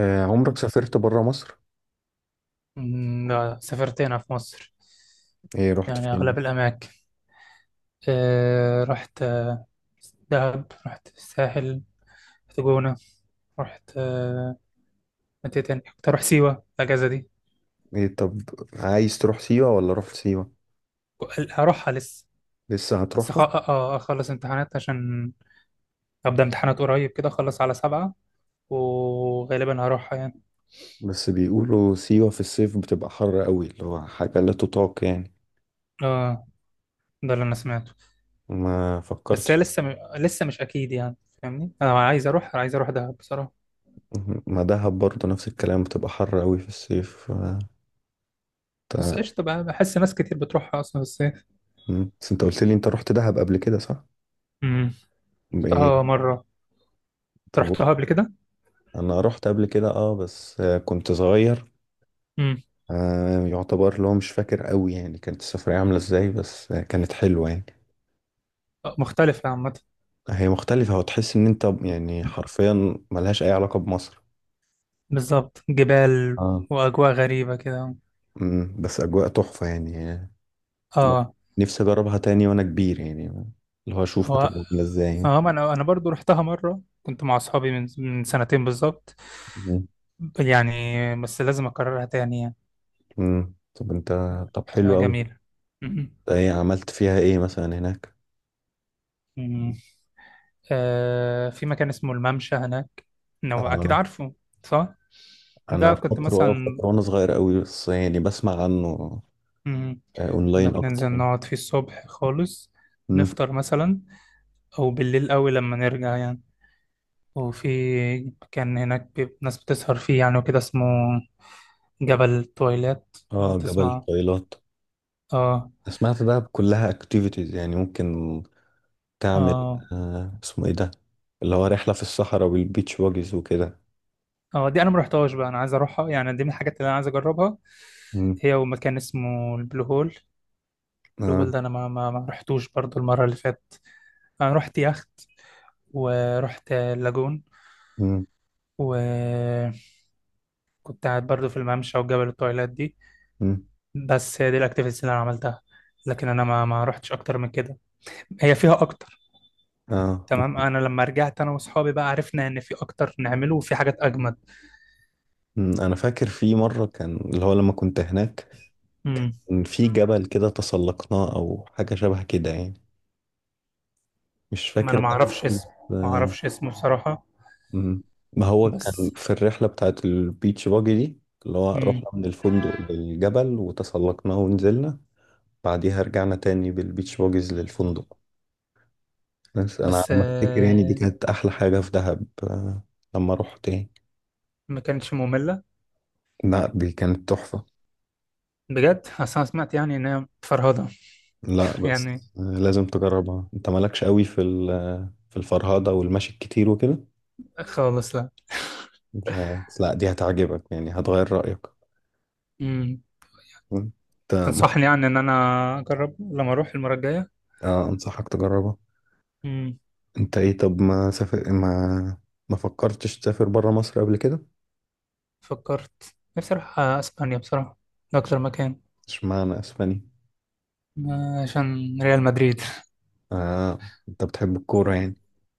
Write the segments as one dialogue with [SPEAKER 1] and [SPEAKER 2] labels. [SPEAKER 1] عمرك سافرت برا مصر؟
[SPEAKER 2] مم، لا سافرت هنا في مصر.
[SPEAKER 1] ايه رحت
[SPEAKER 2] يعني أغلب
[SPEAKER 1] فين؟
[SPEAKER 2] الأماكن. رحت دهب، رحت الساحل، رحت جونة، رحت متى تاني كنت أروح سيوة الأجازة دي.
[SPEAKER 1] ايه طب. عايز تروح سيوة ولا رحت سيوة؟
[SPEAKER 2] هروحها لسه.
[SPEAKER 1] لسه
[SPEAKER 2] بس
[SPEAKER 1] هتروحها.
[SPEAKER 2] أخلص امتحانات عشان أبدأ امتحانات قريب كده، أخلص على 7، وغالبا هروحها يعني.
[SPEAKER 1] بس بيقولوا سيوة في الصيف بتبقى حر قوي اللي هو حاجة لا تطاق يعني.
[SPEAKER 2] آه، ده اللي أنا سمعته.
[SPEAKER 1] ما
[SPEAKER 2] بس
[SPEAKER 1] فكرتش.
[SPEAKER 2] هي لسه مش أكيد يعني، فاهمني. أنا عايز أروح دهب بصراحة.
[SPEAKER 1] مهم. ما دهب برضه نفس الكلام، بتبقى حر قوي في الصيف
[SPEAKER 2] بس
[SPEAKER 1] تع-
[SPEAKER 2] قشطة بقى، بحس ناس كتير بتروحها أصلا بس.
[SPEAKER 1] مم. بس انت قلت لي انت رحت دهب قبل كده، صح؟
[SPEAKER 2] امم،
[SPEAKER 1] ايه
[SPEAKER 2] رحتها مرة. أنت
[SPEAKER 1] طب.
[SPEAKER 2] رحتها قبل كده.
[SPEAKER 1] انا رحت قبل كده اه بس كنت صغير.
[SPEAKER 2] امم.
[SPEAKER 1] يعتبر اللي هو مش فاكر قوي يعني، كانت السفرية عاملة ازاي، بس كانت حلوة يعني.
[SPEAKER 2] مختلفة عامة.
[SPEAKER 1] هي مختلفة وتحس إن أنت يعني حرفيا ملهاش أي علاقة بمصر.
[SPEAKER 2] بالظبط، جبال
[SPEAKER 1] اه.
[SPEAKER 2] وأجواء غريبة كده.
[SPEAKER 1] بس أجواء تحفة يعني.
[SPEAKER 2] اه.
[SPEAKER 1] نفسي أجربها تاني وأنا كبير يعني، اللي هو أشوف
[SPEAKER 2] هو،
[SPEAKER 1] هتبقى عاملة إزاي يعني.
[SPEAKER 2] اه ما انا برضو رحتها مرة، كنت مع اصحابي من سنتين بالظبط
[SPEAKER 1] مم.
[SPEAKER 2] يعني. بس لازم اكررها تاني يعني،
[SPEAKER 1] طب أنت. طب
[SPEAKER 2] بقى
[SPEAKER 1] حلو أوي.
[SPEAKER 2] جميلة. مم.
[SPEAKER 1] أنت إيه عملت فيها إيه مثلا هناك؟
[SPEAKER 2] مم. آه، في مكان اسمه الممشى هناك، لو اكيد
[SPEAKER 1] آه،
[SPEAKER 2] عارفه، صح؟
[SPEAKER 1] أنا
[SPEAKER 2] ده كنت
[SPEAKER 1] فاكره أه
[SPEAKER 2] مثلا.
[SPEAKER 1] فاكره وأنا صغير أوي، بس يعني بسمع عنه
[SPEAKER 2] مم. كنا
[SPEAKER 1] أونلاين أكتر
[SPEAKER 2] بننزل
[SPEAKER 1] يعني.
[SPEAKER 2] نقعد فيه الصبح خالص،
[SPEAKER 1] أمم.
[SPEAKER 2] نفطر مثلا، او بالليل قوي لما نرجع يعني. وفي، كان هناك ناس بتسهر فيه يعني وكده. اسمه جبل تويلات، لو
[SPEAKER 1] أه، جبل
[SPEAKER 2] تسمع.
[SPEAKER 1] طويلات.
[SPEAKER 2] اه.
[SPEAKER 1] سمعت ده كلها أكتيفيتيز يعني ممكن تعمل.
[SPEAKER 2] اه.
[SPEAKER 1] اسمه ايه ده، اللي هو رحلة في الصحراء والبيتش باجز وكده؟
[SPEAKER 2] اه، دي انا ما رحتهاش بقى، انا عايز اروحها يعني، دي من الحاجات اللي انا عايز اجربها،
[SPEAKER 1] مم.
[SPEAKER 2] هي ومكان اسمه البلو هول. البلو
[SPEAKER 1] آه.
[SPEAKER 2] هول ده انا ما رحتوش برضو المره اللي فاتت. انا رحت يخت، ورحت اللاجون،
[SPEAKER 1] مم.
[SPEAKER 2] وكنت قاعد برضو في الممشى وجبل التويلات دي.
[SPEAKER 1] مم.
[SPEAKER 2] بس هي دي الاكتيفيتيز اللي انا عملتها، لكن انا ما رحتش اكتر من كده، هي فيها اكتر.
[SPEAKER 1] آه.
[SPEAKER 2] تمام، انا لما رجعت انا واصحابي بقى، عرفنا ان في اكتر نعمله وفي حاجات اجمد.
[SPEAKER 1] مم. انا فاكر في مرة كان اللي هو لما كنت هناك،
[SPEAKER 2] امم.
[SPEAKER 1] كان في جبل كده تسلقناه او حاجة شبه كده يعني. مش
[SPEAKER 2] ما انا
[SPEAKER 1] فاكر
[SPEAKER 2] ما
[SPEAKER 1] كان
[SPEAKER 2] اعرفش
[SPEAKER 1] إيه.
[SPEAKER 2] اسمه. ما
[SPEAKER 1] آه.
[SPEAKER 2] اعرفش اسمه بصراحة.
[SPEAKER 1] مم. ما هو كان
[SPEAKER 2] بس.
[SPEAKER 1] في الرحلة بتاعت البيتش باجي دي، اللي هو
[SPEAKER 2] امم.
[SPEAKER 1] رحنا من الفندق للجبل وتسلقناه ونزلنا، بعديها رجعنا تاني بالبيتش باجز للفندق. بس انا على
[SPEAKER 2] بس
[SPEAKER 1] ما افتكر يعني، دي كانت احلى حاجه في دهب لما رحت يعني.
[SPEAKER 2] ما كانتش مملة،
[SPEAKER 1] لا، دي كانت تحفه.
[SPEAKER 2] بجد. أصل انا سمعت يعني ان هي فرهضة.
[SPEAKER 1] لا
[SPEAKER 2] يعني
[SPEAKER 1] بس لازم تجربها، انت مالكش قوي في في الفرهده والمشي الكتير وكده.
[SPEAKER 2] خالص لا.
[SPEAKER 1] مش عارف. بس لا، دي هتعجبك يعني، هتغير رايك.
[SPEAKER 2] امم.
[SPEAKER 1] انت
[SPEAKER 2] تنصحني يعني ان انا اجرب لما اروح المرة الجاية.
[SPEAKER 1] انصحك تجربها.
[SPEAKER 2] امم.
[SPEAKER 1] انت ايه طب ما سافر ما ما فكرتش تسافر بره مصر قبل كده؟
[SPEAKER 2] فكرت نفسي اروح اسبانيا بصراحة، ده اكتر مكان،
[SPEAKER 1] اشمعنى اسبانيا؟
[SPEAKER 2] عشان ريال مدريد.
[SPEAKER 1] آه. انت بتحب الكوره يعني؟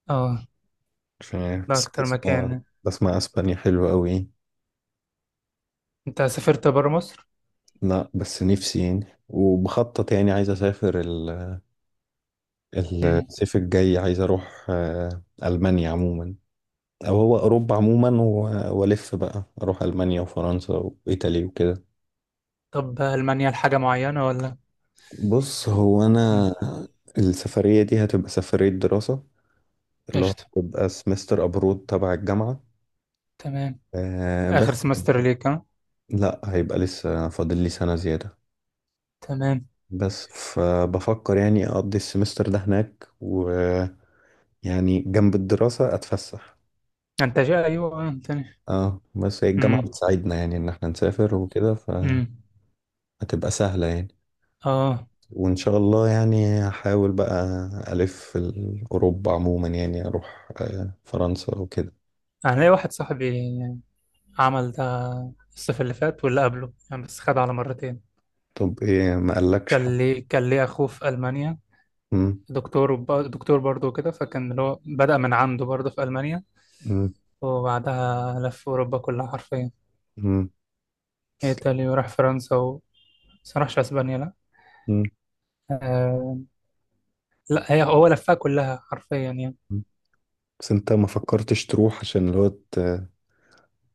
[SPEAKER 2] اه،
[SPEAKER 1] مش عارف،
[SPEAKER 2] ده
[SPEAKER 1] بس
[SPEAKER 2] اكتر
[SPEAKER 1] بسمع
[SPEAKER 2] مكان.
[SPEAKER 1] بسمع اسبانيا حلوه قوي.
[SPEAKER 2] انت سافرت بره مصر؟
[SPEAKER 1] لا بس نفسي يعني وبخطط يعني، عايز اسافر
[SPEAKER 2] مم.
[SPEAKER 1] الصيف الجاي، عايز اروح المانيا عموما. او هو اوروبا عموما والف بقى اروح المانيا وفرنسا وايطاليا وكده.
[SPEAKER 2] طب ألمانيا لحاجة معينة ولا؟
[SPEAKER 1] بص، هو
[SPEAKER 2] مم.
[SPEAKER 1] انا السفريه دي هتبقى سفريه دراسه، اللي هو
[SPEAKER 2] قشطة،
[SPEAKER 1] هتبقى سمستر ابرود تبع الجامعه.
[SPEAKER 2] تمام. آخر
[SPEAKER 1] بس
[SPEAKER 2] سمستر ليك، ها؟
[SPEAKER 1] لا، هيبقى لسه فاضل لي سنه زياده.
[SPEAKER 2] تمام.
[SPEAKER 1] بس فبفكر يعني اقضي السمستر ده هناك ويعني، جنب الدراسه اتفسح.
[SPEAKER 2] أنت جاي أيوه تاني؟
[SPEAKER 1] اه بس هي الجامعة
[SPEAKER 2] مم.
[SPEAKER 1] بتساعدنا يعني ان احنا نسافر وكده،
[SPEAKER 2] مم.
[SPEAKER 1] فهتبقى سهلة يعني.
[SPEAKER 2] آه،
[SPEAKER 1] وان شاء الله يعني هحاول بقى. الف في اوروبا عموما يعني، اروح فرنسا وكده.
[SPEAKER 2] أنا ليا واحد صاحبي عمل ده الصيف اللي فات واللي قبله يعني، بس خد على مرتين.
[SPEAKER 1] طب ايه، ما قالكش حاجة؟
[SPEAKER 2] كان ليه أخوه في ألمانيا،
[SPEAKER 1] مم.
[SPEAKER 2] دكتور دكتور برضه كده، فكان اللي هو بدأ من عنده برضه في ألمانيا،
[SPEAKER 1] مم.
[SPEAKER 2] وبعدها لف أوروبا كلها حرفيا،
[SPEAKER 1] مم.
[SPEAKER 2] إيطاليا، وراح فرنسا بس ما راحش أسبانيا لأ.
[SPEAKER 1] مم.
[SPEAKER 2] آه، لا، هي هو لفها كلها حرفيا يعني.
[SPEAKER 1] مم. بس انت ما فكرتش تروح عشان اللي هو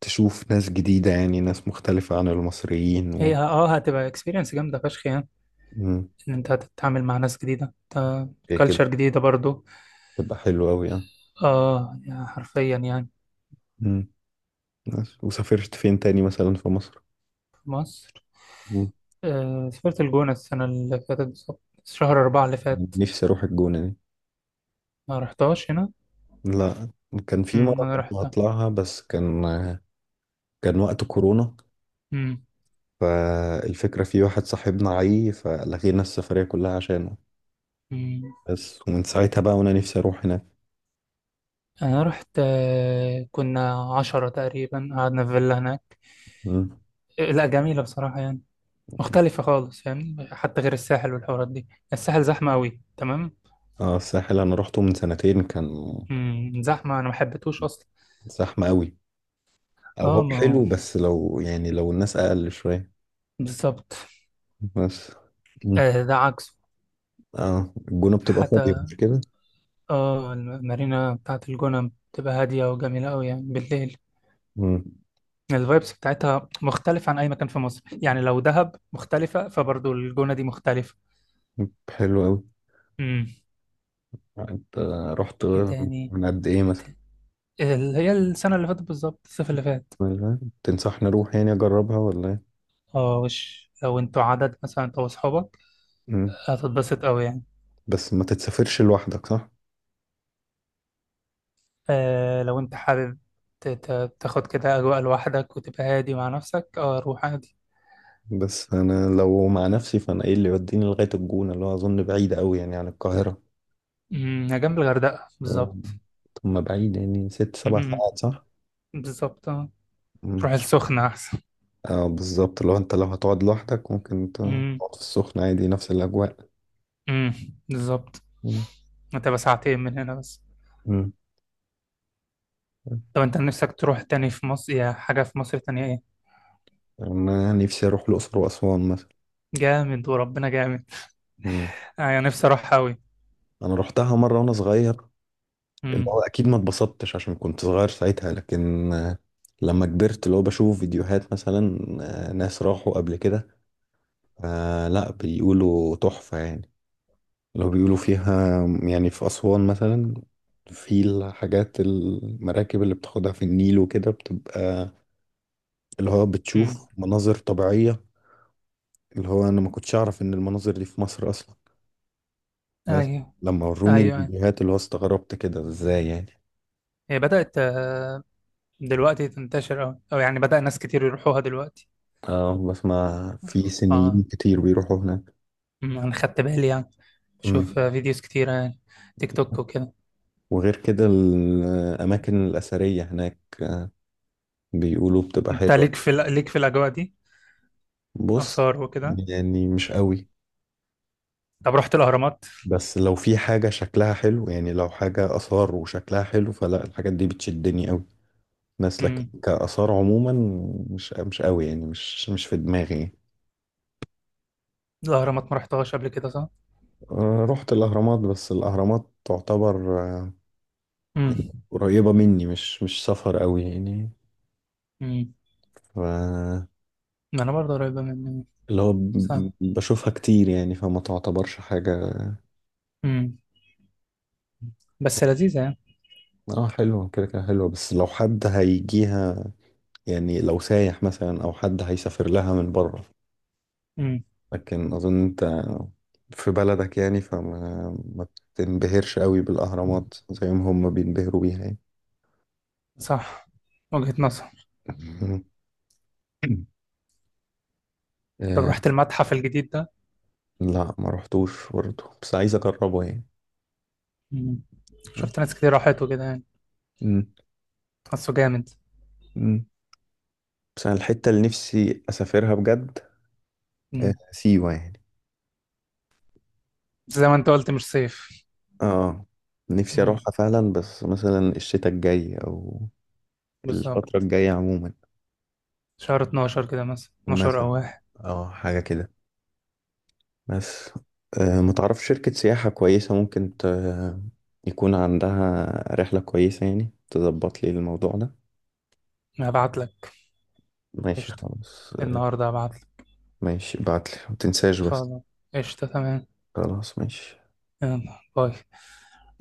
[SPEAKER 1] تشوف ناس جديدة يعني، ناس مختلفة عن المصريين و...
[SPEAKER 2] هي هتبقى اكسبيرينس جامده فشخ يعني،
[SPEAKER 1] مم.
[SPEAKER 2] ان انت هتتعامل مع ناس جديده،
[SPEAKER 1] هي كده
[SPEAKER 2] كلتشر جديده برضو.
[SPEAKER 1] تبقى حلوة اوي اه.
[SPEAKER 2] اه، يعني حرفيا يعني.
[SPEAKER 1] مم. بس. وسافرت فين تاني مثلا في مصر؟
[SPEAKER 2] في مصر.
[SPEAKER 1] مم.
[SPEAKER 2] آه، سافرت الجونه السنه اللي فاتت بالظبط، شهر 4 اللي فات.
[SPEAKER 1] نفسي اروح الجونة.
[SPEAKER 2] ما رحتهاش هنا.
[SPEAKER 1] لا. كان في
[SPEAKER 2] أمم،
[SPEAKER 1] مرة
[SPEAKER 2] انا
[SPEAKER 1] كنت
[SPEAKER 2] رحت.
[SPEAKER 1] هطلعها بس كان وقت كورونا،
[SPEAKER 2] أمم.
[SPEAKER 1] فالفكرة في واحد صاحبنا عي فلغينا السفرية كلها عشانه.
[SPEAKER 2] أمم.
[SPEAKER 1] بس، ومن ساعتها بقى وانا نفسي اروح هناك.
[SPEAKER 2] انا رحت، كنا 10 تقريبا، قعدنا في فيلا هناك.
[SPEAKER 1] مم.
[SPEAKER 2] آه، لا، جميله بصراحه يعني. مختلفه خالص يعني، حتى غير الساحل والحوارات دي، الساحل زحمه قوي، تمام.
[SPEAKER 1] اه، الساحل انا روحته من سنتين، كان
[SPEAKER 2] امم، زحمة، أنا ما حبيتهوش أصلا.
[SPEAKER 1] زحمة قوي. او
[SPEAKER 2] اه،
[SPEAKER 1] هو
[SPEAKER 2] ما هو
[SPEAKER 1] حلو، بس لو يعني، لو الناس اقل شوية.
[SPEAKER 2] بالظبط.
[SPEAKER 1] بس. مم.
[SPEAKER 2] آه، ده عكسه
[SPEAKER 1] اه، الجونة بتبقى فاضية،
[SPEAKER 2] حتى.
[SPEAKER 1] مش كده؟
[SPEAKER 2] اه، المارينا بتاعت الجونة بتبقى هادية وجميلة أوي يعني بالليل.
[SPEAKER 1] مم.
[SPEAKER 2] الفايبس بتاعتها مختلفة عن أي مكان في مصر يعني، لو دهب مختلفة فبرضو الجونة دي مختلفة.
[SPEAKER 1] حلو قوي.
[SPEAKER 2] امم.
[SPEAKER 1] انت رحت
[SPEAKER 2] ايه تاني؟
[SPEAKER 1] من قد ايه
[SPEAKER 2] إيه
[SPEAKER 1] مثلا؟
[SPEAKER 2] تاني؟ اللي هي السنة اللي فاتت بالظبط، الصيف اللي فات.
[SPEAKER 1] تنصحني اروح يعني اجربها ولا ايه؟
[SPEAKER 2] اه، وش لو انتوا عدد، مثلا انت واصحابك،
[SPEAKER 1] مم.
[SPEAKER 2] هتتبسط أوي يعني.
[SPEAKER 1] بس ما تتسافرش لوحدك، صح؟
[SPEAKER 2] آه، لو انت حابب تاخد كده اجواء لوحدك وتبقى هادي مع نفسك، اه، روح عادي.
[SPEAKER 1] بس انا لو مع نفسي، فانا ايه اللي يوديني لغايه الجونه، اللي هو اظن بعيد قوي يعني عن القاهره.
[SPEAKER 2] امم. هي جنب الغردقه
[SPEAKER 1] مم.
[SPEAKER 2] بالظبط.
[SPEAKER 1] طب، ما بعيد يعني ست سبع
[SPEAKER 2] امم،
[SPEAKER 1] ساعات صح؟
[SPEAKER 2] بالظبط اه.
[SPEAKER 1] مم.
[SPEAKER 2] تروح السخنه احسن.
[SPEAKER 1] اه، بالظبط، لو هتقعد لوحدك ممكن تقعد
[SPEAKER 2] امم.
[SPEAKER 1] في السخنه عادي، نفس الاجواء.
[SPEAKER 2] امم، بالظبط.
[SPEAKER 1] مم.
[SPEAKER 2] هتبقى ساعتين من هنا بس.
[SPEAKER 1] مم.
[SPEAKER 2] طب انت نفسك تروح تاني في مصر، يا حاجه في مصر تانية، ايه؟
[SPEAKER 1] انا نفسي اروح الاقصر واسوان مثلا.
[SPEAKER 2] جامد، وربنا جامد.
[SPEAKER 1] مم.
[SPEAKER 2] انا نفسي اروح قوي.
[SPEAKER 1] انا روحتها مره وانا صغير، اللي هو
[SPEAKER 2] امم.
[SPEAKER 1] اكيد ما اتبسطتش عشان كنت صغير ساعتها، لكن لما كبرت اللي هو بشوف فيديوهات مثلا، ناس راحوا قبل كده. لا، بيقولوا تحفة يعني. اللي هو بيقولوا فيها يعني في أسوان مثلا، في الحاجات المراكب اللي بتاخدها في النيل وكده، بتبقى اللي هو
[SPEAKER 2] امم.
[SPEAKER 1] بتشوف مناظر طبيعية، اللي هو أنا ما كنتش أعرف إن المناظر دي في مصر أصلا. بس
[SPEAKER 2] ايوه.
[SPEAKER 1] لما وروني
[SPEAKER 2] ايوه، أيوة.
[SPEAKER 1] الفيديوهات اللي هو استغربت كده، إزاي يعني.
[SPEAKER 2] هي بدات دلوقتي تنتشر أوي، أو يعني بدأ ناس كتير يروحوها دلوقتي.
[SPEAKER 1] اه، بسمع في
[SPEAKER 2] اه.
[SPEAKER 1] سنيين كتير بيروحوا هناك.
[SPEAKER 2] أمم، انا خدت بالي يعني،
[SPEAKER 1] مم.
[SPEAKER 2] بشوف فيديوز كتيرة يعني، تيك توك وكده.
[SPEAKER 1] وغير كده الأماكن الأثرية هناك بيقولوا بتبقى
[SPEAKER 2] انت
[SPEAKER 1] حلوة.
[SPEAKER 2] ليك ليك في الاجواء دي،
[SPEAKER 1] بص،
[SPEAKER 2] اثار وكده؟
[SPEAKER 1] يعني مش قوي.
[SPEAKER 2] طب رحت الاهرامات؟
[SPEAKER 1] بس لو في حاجة شكلها حلو يعني، لو حاجة آثار وشكلها حلو، فلا، الحاجات دي بتشدني قوي. ناس لك
[SPEAKER 2] امم.
[SPEAKER 1] كآثار عموما مش قوي يعني، مش في دماغي يعني.
[SPEAKER 2] الاهرامات ما رحتهاش قبل كده، صح؟
[SPEAKER 1] رحت الأهرامات، بس الأهرامات تعتبر
[SPEAKER 2] امم.
[SPEAKER 1] يعني قريبة مني، مش سفر قوي يعني.
[SPEAKER 2] امم،
[SPEAKER 1] ف
[SPEAKER 2] ما انا برضه قريبة مني يعني.
[SPEAKER 1] اللي هو
[SPEAKER 2] صح.
[SPEAKER 1] بشوفها كتير يعني، فما تعتبرش حاجة.
[SPEAKER 2] امم. بس لذيذة يعني.
[SPEAKER 1] اه حلوة كده كده حلوة، بس لو حد هيجيها يعني، لو سايح مثلا أو حد هيسافر لها من بره.
[SPEAKER 2] امم.
[SPEAKER 1] لكن أظن أنت في بلدك يعني، فما ما تنبهرش قوي بالأهرامات زي ما هم بينبهروا بيها يعني.
[SPEAKER 2] صح، وجهة نظر.
[SPEAKER 1] مم.
[SPEAKER 2] طب
[SPEAKER 1] آه،
[SPEAKER 2] رحت المتحف الجديد ده؟
[SPEAKER 1] لا، ما رحتوش برضه، بس عايز أجربه يعني.
[SPEAKER 2] امم. شفت ناس كتير راحت وكده يعني،
[SPEAKER 1] مم.
[SPEAKER 2] حاسه جامد.
[SPEAKER 1] مم. بس أنا الحتة اللي نفسي أسافرها بجد
[SPEAKER 2] امم.
[SPEAKER 1] سيوة يعني.
[SPEAKER 2] بس زي ما انت قلت مش صيف.
[SPEAKER 1] اه. نفسي
[SPEAKER 2] امم،
[SPEAKER 1] أروحها فعلا بس مثلا الشتاء الجاي، أو الفترة
[SPEAKER 2] بالظبط،
[SPEAKER 1] الجاية عموما
[SPEAKER 2] شهر 12 كده مثلا، 12
[SPEAKER 1] مثلا.
[SPEAKER 2] او واحد.
[SPEAKER 1] اه، حاجة كده. بس ما تعرف شركة سياحة كويسة ممكن يكون عندها رحلة كويسة يعني، تظبط لي الموضوع ده.
[SPEAKER 2] هبعت لك.
[SPEAKER 1] ماشي،
[SPEAKER 2] قشطة.
[SPEAKER 1] خلاص.
[SPEAKER 2] النهارده هبعتلك.
[SPEAKER 1] ماشي، بعتلي ما تنساش بس.
[SPEAKER 2] خلاص. قشطة، تمام.
[SPEAKER 1] خلاص، ماشي.
[SPEAKER 2] يلا باي.